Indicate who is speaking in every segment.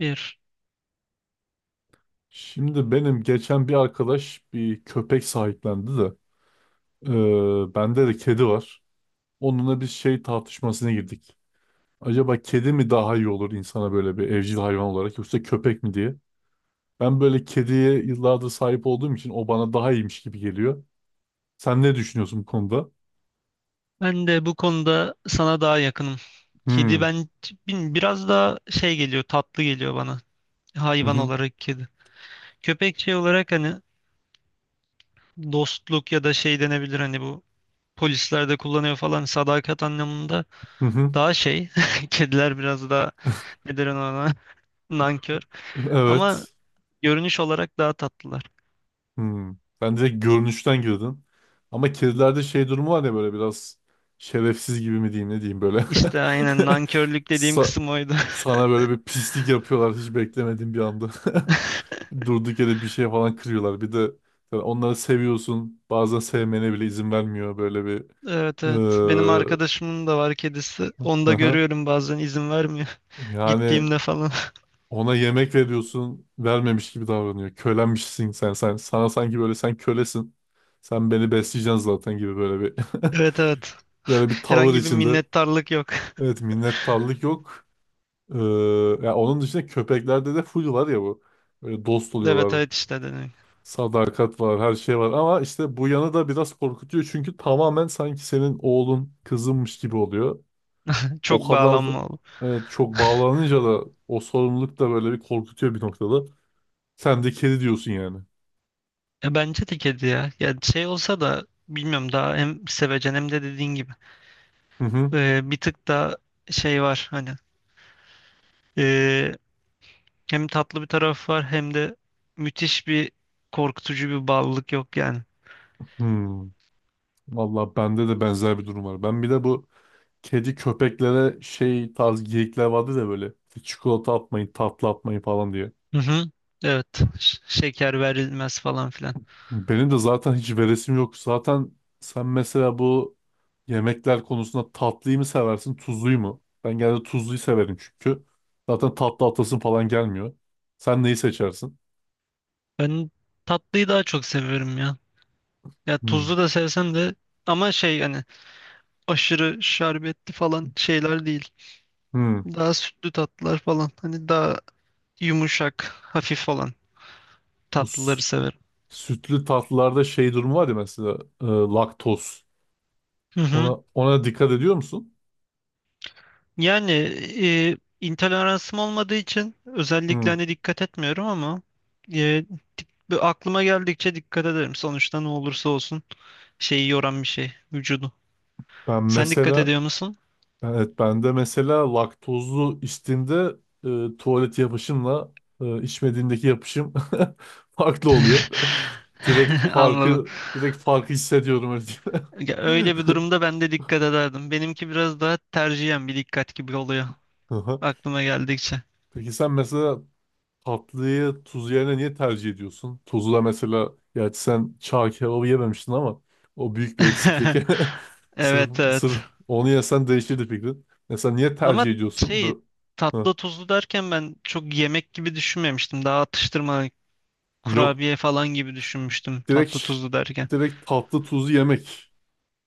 Speaker 1: Bir.
Speaker 2: Şimdi benim geçen bir arkadaş bir köpek sahiplendi de bende de kedi var. Onunla bir şey tartışmasına girdik. Acaba kedi mi daha iyi olur insana böyle bir evcil hayvan olarak yoksa köpek mi diye. Ben böyle kediye yıllardır sahip olduğum için o bana daha iyiymiş gibi geliyor. Sen ne düşünüyorsun bu konuda?
Speaker 1: Ben de bu konuda sana daha yakınım. Kedi
Speaker 2: Hmm.
Speaker 1: ben bilmiyorum, biraz daha şey geliyor, tatlı geliyor bana.
Speaker 2: Hı
Speaker 1: Hayvan
Speaker 2: hı.
Speaker 1: olarak kedi. Köpek şey olarak hani dostluk ya da şey denebilir hani bu polisler de kullanıyor falan sadakat anlamında
Speaker 2: Hı hı.
Speaker 1: daha şey. Kediler biraz daha ne derim ona nankör. Ama
Speaker 2: Evet.
Speaker 1: görünüş olarak daha tatlılar.
Speaker 2: Hmm. Ben direkt görünüşten girdim. Ama kedilerde şey durumu var ya böyle biraz şerefsiz gibi mi diyeyim ne diyeyim böyle.
Speaker 1: İşte aynen nankörlük dediğim
Speaker 2: Sa-
Speaker 1: kısım oydu.
Speaker 2: sana böyle bir pislik yapıyorlar hiç beklemediğin bir anda. Durduk yere bir şey falan kırıyorlar. Bir de yani onları seviyorsun. Bazen sevmene bile izin vermiyor böyle bir.
Speaker 1: Evet evet. Benim
Speaker 2: Ee,
Speaker 1: arkadaşımın da var kedisi. Onu da görüyorum bazen izin vermiyor.
Speaker 2: Yani
Speaker 1: Gittiğimde falan.
Speaker 2: ona yemek veriyorsun, vermemiş gibi davranıyor. Kölenmişsin sen, sen. Sana sanki böyle sen kölesin. Sen beni besleyeceksin zaten gibi böyle bir
Speaker 1: Evet evet.
Speaker 2: böyle bir tavır
Speaker 1: Herhangi bir
Speaker 2: içinde.
Speaker 1: minnettarlık yok.
Speaker 2: Evet, minnettarlık yok. Ee, ya onun dışında köpeklerde de full var ya bu. Böyle dost
Speaker 1: Evet
Speaker 2: oluyorlar,
Speaker 1: evet işte dedim.
Speaker 2: sadakat var, her şey var. Ama işte bu yanı da biraz korkutuyor. Çünkü tamamen sanki senin oğlun, kızınmış gibi oluyor.
Speaker 1: Çok
Speaker 2: O kadar da-
Speaker 1: bağlanma oldu.
Speaker 2: evet, çok bağlanınca da o sorumluluk da böyle bir korkutuyor bir noktada. Sen de kedi diyorsun yani.
Speaker 1: Bence de kedi ya. Ya şey olsa da bilmiyorum daha hem sevecen hem de dediğin gibi.
Speaker 2: Hı hı.
Speaker 1: Bir tık da şey var hani. E, Hem tatlı bir taraf var hem de müthiş bir korkutucu bir bağlılık yok yani.
Speaker 2: Hmm. Valla bende de benzer bir durum var. Ben bir de bu kedi köpeklere şey tarz geyikler vardı da böyle çikolata atmayın, tatlı atmayın falan diye.
Speaker 1: Hı hı. Evet. Şeker verilmez falan filan.
Speaker 2: Benim de zaten hiç veresim yok. Zaten sen mesela bu yemekler konusunda tatlıyı mı seversin, tuzluyu mu? Ben genelde tuzluyu severim çünkü. Zaten tatlı atasın falan gelmiyor. Sen neyi seçersin?
Speaker 1: Ben tatlıyı daha çok seviyorum ya. Ya
Speaker 2: Hmm.
Speaker 1: tuzlu da sevsem de ama şey hani aşırı şerbetli falan şeyler değil.
Speaker 2: Hmm.
Speaker 1: Daha sütlü tatlılar falan. Hani daha yumuşak, hafif falan
Speaker 2: Bu
Speaker 1: tatlıları
Speaker 2: s-
Speaker 1: severim.
Speaker 2: sütlü tatlılarda şey durumu var ya mesela laktoz.
Speaker 1: Hı hı.
Speaker 2: Ona dikkat ediyor musun?
Speaker 1: Yani intoleransım olmadığı için özellikle
Speaker 2: Hı.
Speaker 1: hani dikkat etmiyorum ama e, bu aklıma geldikçe dikkat ederim. Sonuçta ne olursa olsun şeyi yoran bir şey vücudu.
Speaker 2: Ben
Speaker 1: Sen dikkat
Speaker 2: mesela
Speaker 1: ediyor musun?
Speaker 2: evet ben de mesela laktozlu içtiğimde tuvalet yapışımla içmediğimdeki yapışım farklı oluyor. Direkt
Speaker 1: Anladım.
Speaker 2: farkı direkt farkı hissediyorum öyle diyeyim.
Speaker 1: Ya öyle bir durumda ben de dikkat ederdim. Benimki biraz daha tercihen bir dikkat gibi oluyor
Speaker 2: Aha.
Speaker 1: aklıma geldikçe.
Speaker 2: Peki sen mesela tatlıyı tuz yerine niye tercih ediyorsun? Tuzla mesela gerçi sen çağ kebabı yememiştin ama o büyük bir eksiklik. Sırf,
Speaker 1: Evet evet.
Speaker 2: sırf onu yesen değişirdi fikrin. Mesela niye
Speaker 1: Ama
Speaker 2: tercih ediyorsun?
Speaker 1: şey
Speaker 2: Bö- Hı.
Speaker 1: tatlı tuzlu derken ben çok yemek gibi düşünmemiştim. Daha atıştırma
Speaker 2: Yok.
Speaker 1: kurabiye falan gibi düşünmüştüm tatlı
Speaker 2: Direkt
Speaker 1: tuzlu derken.
Speaker 2: direkt tatlı tuzlu yemek.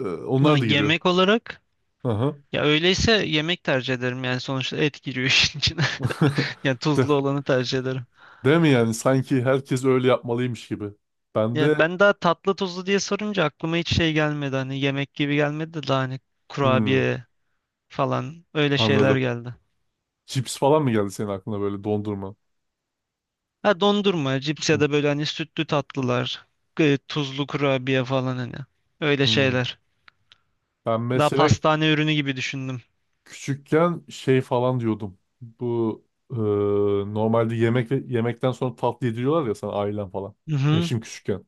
Speaker 1: Ha,
Speaker 2: Onlar da giriyor.
Speaker 1: yemek olarak
Speaker 2: Aha.
Speaker 1: ya öyleyse yemek tercih ederim yani sonuçta et giriyor işin içine. Yani tuzlu
Speaker 2: De,
Speaker 1: olanı tercih ederim.
Speaker 2: değil mi yani? Sanki herkes öyle yapmalıymış gibi. Ben de
Speaker 1: Ya ben daha tatlı tuzlu diye sorunca aklıma hiç şey gelmedi hani yemek gibi gelmedi de daha hani
Speaker 2: hmm,
Speaker 1: kurabiye falan öyle şeyler
Speaker 2: anladım.
Speaker 1: geldi.
Speaker 2: Cips falan mı geldi senin aklına böyle dondurma?
Speaker 1: Ha dondurma, cips ya
Speaker 2: Hmm.
Speaker 1: da böyle hani sütlü tatlılar, tuzlu kurabiye falan hani. Öyle
Speaker 2: Hmm.
Speaker 1: şeyler.
Speaker 2: Ben
Speaker 1: Daha
Speaker 2: mesela
Speaker 1: pastane ürünü gibi düşündüm.
Speaker 2: küçükken şey falan diyordum. Bu e, normalde yemek ve yemekten sonra tatlı yediriyorlar ya sana ailen falan.
Speaker 1: Hı hı.
Speaker 2: Yaşım küçükken.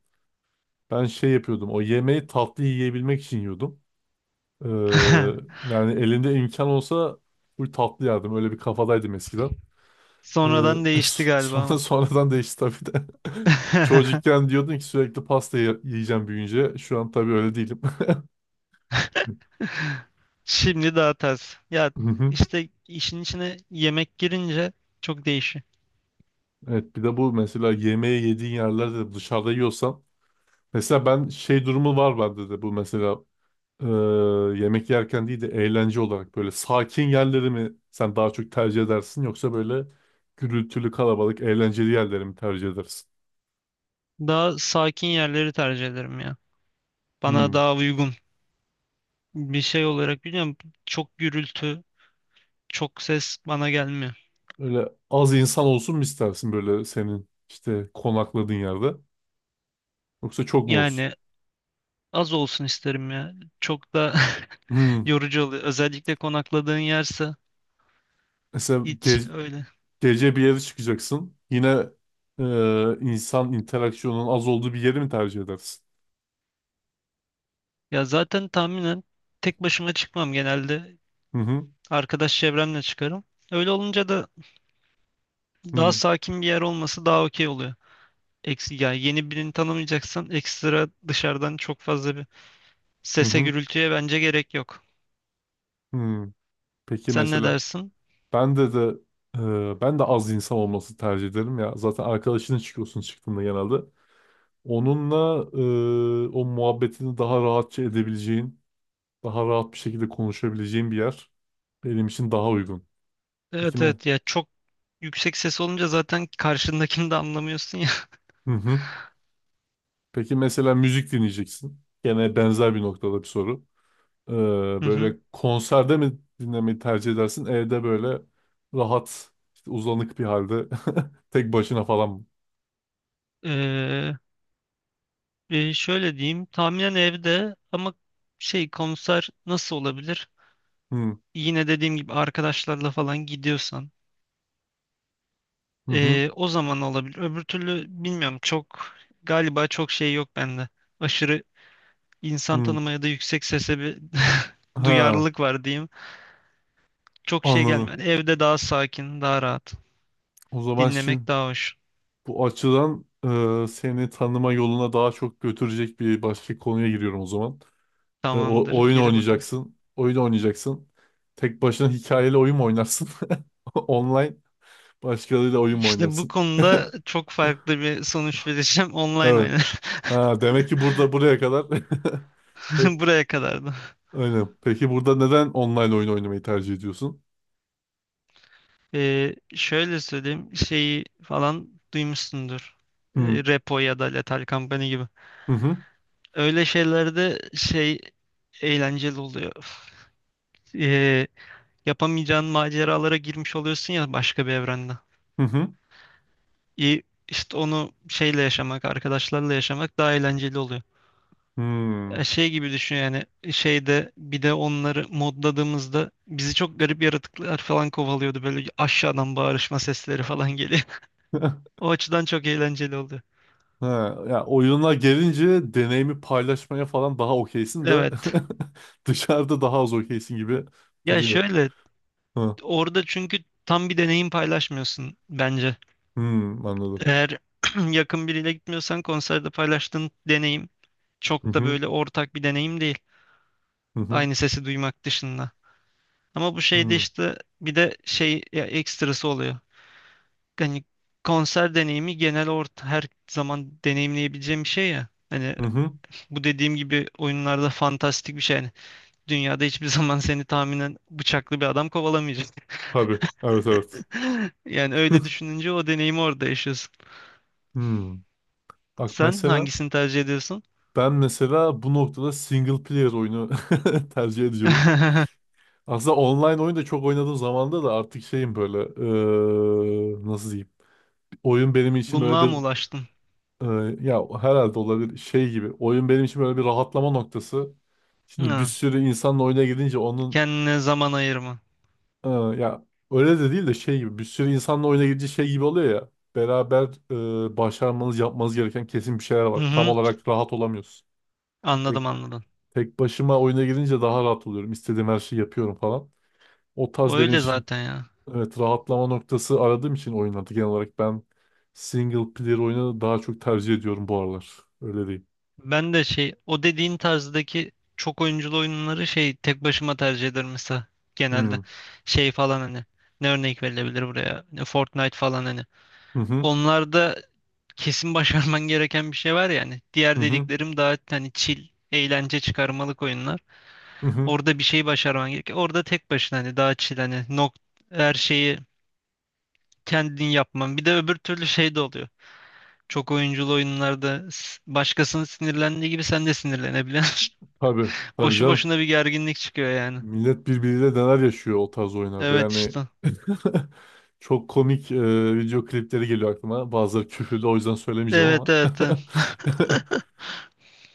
Speaker 2: Ben şey yapıyordum. O yemeği tatlı yiyebilmek için yiyordum. E, yani elimde imkan olsa bu tatlı yerdim. Öyle bir kafadaydım eskiden. E,
Speaker 1: Sonradan değişti
Speaker 2: s-
Speaker 1: galiba
Speaker 2: sonra
Speaker 1: ama.
Speaker 2: sonradan değişti tabii de. Çocukken diyordun ki sürekli yiyeceğim büyüyünce. Şu an tabii öyle değilim.
Speaker 1: Şimdi daha ters. Ya
Speaker 2: Hı hı.
Speaker 1: işte işin içine yemek girince çok değişiyor.
Speaker 2: Evet bir de bu mesela yemeği yediğin yerlerde de dışarıda yiyorsan mesela ben şey durumu var bende de bu mesela e, yemek yerken değil de eğlence olarak böyle sakin yerleri mi sen daha çok tercih edersin yoksa böyle gürültülü kalabalık eğlenceli yerleri mi tercih edersin?
Speaker 1: Daha sakin yerleri tercih ederim ya. Bana
Speaker 2: Hmm.
Speaker 1: daha uygun bir şey olarak biliyorum. Çok gürültü, çok ses bana gelmiyor.
Speaker 2: Böyle az insan olsun mu istersin böyle senin işte konakladığın yerde yoksa çok mu olsun?
Speaker 1: Yani az olsun isterim ya. Çok da
Speaker 2: Hmm.
Speaker 1: yorucu oluyor. Özellikle konakladığın yerse
Speaker 2: Mesela
Speaker 1: hiç
Speaker 2: ge-
Speaker 1: öyle.
Speaker 2: gece bir yere çıkacaksın yine insan interaksiyonunun az olduğu bir yeri mi tercih edersin?
Speaker 1: Ya zaten tahminen tek başıma çıkmam genelde.
Speaker 2: Hı hı.
Speaker 1: Arkadaş çevremle çıkarım. Öyle olunca da
Speaker 2: Hı
Speaker 1: daha
Speaker 2: hı.
Speaker 1: sakin bir yer olması daha okey oluyor. Eksi, ya yeni birini tanımayacaksan ekstra dışarıdan çok fazla bir sese
Speaker 2: Hı.
Speaker 1: gürültüye bence gerek yok.
Speaker 2: Hı. Peki
Speaker 1: Sen ne
Speaker 2: mesela
Speaker 1: dersin?
Speaker 2: ben de ben de az insan olması tercih ederim ya. Zaten arkadaşının çıkıyorsun çıktığında genelde. Onunla o muhabbetini daha rahatça edebileceğin, daha rahat bir şekilde konuşabileceğin bir yer benim için daha uygun. Peki
Speaker 1: Evet
Speaker 2: me
Speaker 1: evet ya çok yüksek ses olunca zaten karşındakini de anlamıyorsun ya.
Speaker 2: hı hı. Peki mesela müzik dinleyeceksin. Gene benzer bir noktada bir soru. E,
Speaker 1: Hı hı.
Speaker 2: böyle konserde mi dinlemeyi tercih edersin? Evde böyle rahat, işte uzanık bir halde tek başına falan mı?
Speaker 1: Ee, Şöyle diyeyim, tahminen evde ama şey konser nasıl olabilir?
Speaker 2: Hı
Speaker 1: Yine dediğim gibi arkadaşlarla falan gidiyorsan
Speaker 2: hı hı.
Speaker 1: o zaman olabilir. Öbür türlü bilmiyorum çok galiba çok şey yok bende. Aşırı insan
Speaker 2: hı.
Speaker 1: tanımaya da yüksek sese bir
Speaker 2: Ha.
Speaker 1: duyarlılık var diyeyim. Çok şey
Speaker 2: Anladım.
Speaker 1: gelmedi. Evde daha sakin, daha rahat.
Speaker 2: O zaman şimdi
Speaker 1: Dinlemek daha hoş.
Speaker 2: bu açıdan seni tanıma yoluna daha çok götürecek bir başka konuya giriyorum o zaman.
Speaker 1: Tamamdır,
Speaker 2: Oyun
Speaker 1: geri bakalım.
Speaker 2: oynayacaksın. Oyun oynayacaksın. Tek başına hikayeli oyun mu oynarsın? Online başkalarıyla oyun mu
Speaker 1: İşte bu
Speaker 2: oynarsın?
Speaker 1: konuda çok farklı bir sonuç vereceğim. Online
Speaker 2: Evet.
Speaker 1: oynar.
Speaker 2: Ha, demek ki burada buraya kadar hep
Speaker 1: Buraya kadardı.
Speaker 2: aynen. Peki burada neden online oyun oynamayı tercih ediyorsun?
Speaker 1: Şöyle söyleyeyim şeyi falan duymuşsundur.
Speaker 2: Hı
Speaker 1: Repo ya da Lethal Company gibi.
Speaker 2: hı hı
Speaker 1: Öyle şeylerde şey eğlenceli oluyor. Ee, Yapamayacağın maceralara girmiş oluyorsun ya başka bir evrende.
Speaker 2: hı. hı.
Speaker 1: İyi, işte onu şeyle yaşamak, arkadaşlarla yaşamak daha eğlenceli oluyor.
Speaker 2: Hmm.
Speaker 1: Ya şey gibi düşün yani şeyde bir de onları modladığımızda bizi çok garip yaratıklar falan kovalıyordu. Böyle aşağıdan bağırışma sesleri falan geliyor. O açıdan çok eğlenceli oluyor.
Speaker 2: Ha, ya oyuna gelince deneyimi paylaşmaya falan daha okeysin de
Speaker 1: Evet.
Speaker 2: dışarıda daha az okeysin gibi
Speaker 1: Ya
Speaker 2: duruyor.
Speaker 1: şöyle
Speaker 2: Ha.
Speaker 1: orada çünkü tam bir deneyim paylaşmıyorsun bence.
Speaker 2: Hmm, anladım.
Speaker 1: Eğer yakın biriyle gitmiyorsan konserde paylaştığın deneyim
Speaker 2: Hı
Speaker 1: çok da
Speaker 2: hı,
Speaker 1: böyle ortak bir deneyim değil.
Speaker 2: hı hı,
Speaker 1: Aynı sesi duymak dışında. Ama bu şeyde
Speaker 2: hı
Speaker 1: işte bir de şey ya, ekstrası oluyor. Hani konser deneyimi genel orta her zaman deneyimleyebileceğim bir şey ya. Hani
Speaker 2: hı. hı.
Speaker 1: bu dediğim gibi oyunlarda fantastik bir şey. Yani dünyada hiçbir zaman seni tahminen bıçaklı bir adam kovalamayacak.
Speaker 2: Tabii. Evet evet.
Speaker 1: Yani öyle düşününce o deneyimi orada yaşıyorsun.
Speaker 2: Hmm. Bak
Speaker 1: Sen
Speaker 2: mesela
Speaker 1: hangisini tercih ediyorsun?
Speaker 2: ben mesela bu noktada single player oyunu tercih ediyorum. Aslında online oyun da çok oynadığım zamanda da artık şeyim böyle nasıl diyeyim? Oyun benim için böyle
Speaker 1: Gumluğa mı
Speaker 2: bir
Speaker 1: ulaştın?
Speaker 2: Ee, ya herhalde olabilir şey gibi. Oyun benim için böyle bir rahatlama noktası. Şimdi bir
Speaker 1: Ha,
Speaker 2: sürü insanla oyuna gidince onun
Speaker 1: kendine zaman ayırma.
Speaker 2: ya öyle de değil de şey gibi bir sürü insanla oyuna gidince şey gibi oluyor ya. Beraber başarmanız yapmanız gereken kesin bir şeyler var.
Speaker 1: Hı
Speaker 2: Tam
Speaker 1: hı,
Speaker 2: olarak rahat olamıyorsun. Tek,
Speaker 1: anladım anladım.
Speaker 2: tek başıma oyuna girince daha rahat oluyorum. İstediğim her şeyi yapıyorum falan. O tarz benim
Speaker 1: Öyle
Speaker 2: için
Speaker 1: zaten ya.
Speaker 2: evet rahatlama noktası aradığım için oyunlarda genel olarak ben single player oyunu daha çok tercih ediyorum bu aralar. Öyle değil.
Speaker 1: Ben de şey o dediğin tarzdaki çok oyunculu oyunları şey tek başıma tercih ederim mesela
Speaker 2: Hmm.
Speaker 1: genelde. Şey falan hani ne örnek verilebilir buraya? Ne Fortnite falan hani.
Speaker 2: Hı hı.
Speaker 1: Onlarda kesin başarman gereken bir şey var yani.
Speaker 2: Hı
Speaker 1: Diğer
Speaker 2: hı.
Speaker 1: dediklerim daha hani chill, eğlence çıkarmalık oyunlar.
Speaker 2: Hı hı.
Speaker 1: Orada bir şey başarman gerekiyor. Orada tek başına hani daha chill hani her şeyi kendin yapman. Bir de öbür türlü şey de oluyor. Çok oyunculu oyunlarda başkasının sinirlendiği gibi sen de sinirlenebiliyorsun.
Speaker 2: Tabii. Tabii
Speaker 1: Boşu
Speaker 2: canım.
Speaker 1: boşuna bir gerginlik çıkıyor yani.
Speaker 2: Millet birbiriyle neler yaşıyor o tarz oyunlarda.
Speaker 1: Evet
Speaker 2: Yani
Speaker 1: işte.
Speaker 2: çok komik video klipleri geliyor aklıma. Bazıları küfürlü o yüzden söylemeyeceğim
Speaker 1: Evet
Speaker 2: ama.
Speaker 1: evet. Evet.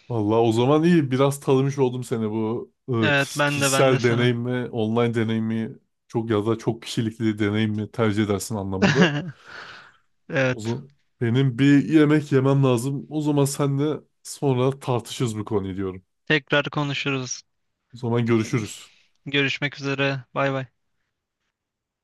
Speaker 2: Vallahi o zaman iyi. Biraz tanımış oldum seni bu
Speaker 1: Evet, ben de
Speaker 2: kişisel deneyim
Speaker 1: sana.
Speaker 2: mi, online deneyim mi, çok ya da çok kişilikli deneyim mi tercih edersin anlamında. O
Speaker 1: Evet.
Speaker 2: zaman benim bir yemek yemem lazım. O zaman senle sonra tartışırız bu konuyu diyorum.
Speaker 1: Tekrar konuşuruz.
Speaker 2: O zaman görüşürüz.
Speaker 1: Görüşmek üzere. Bay bay.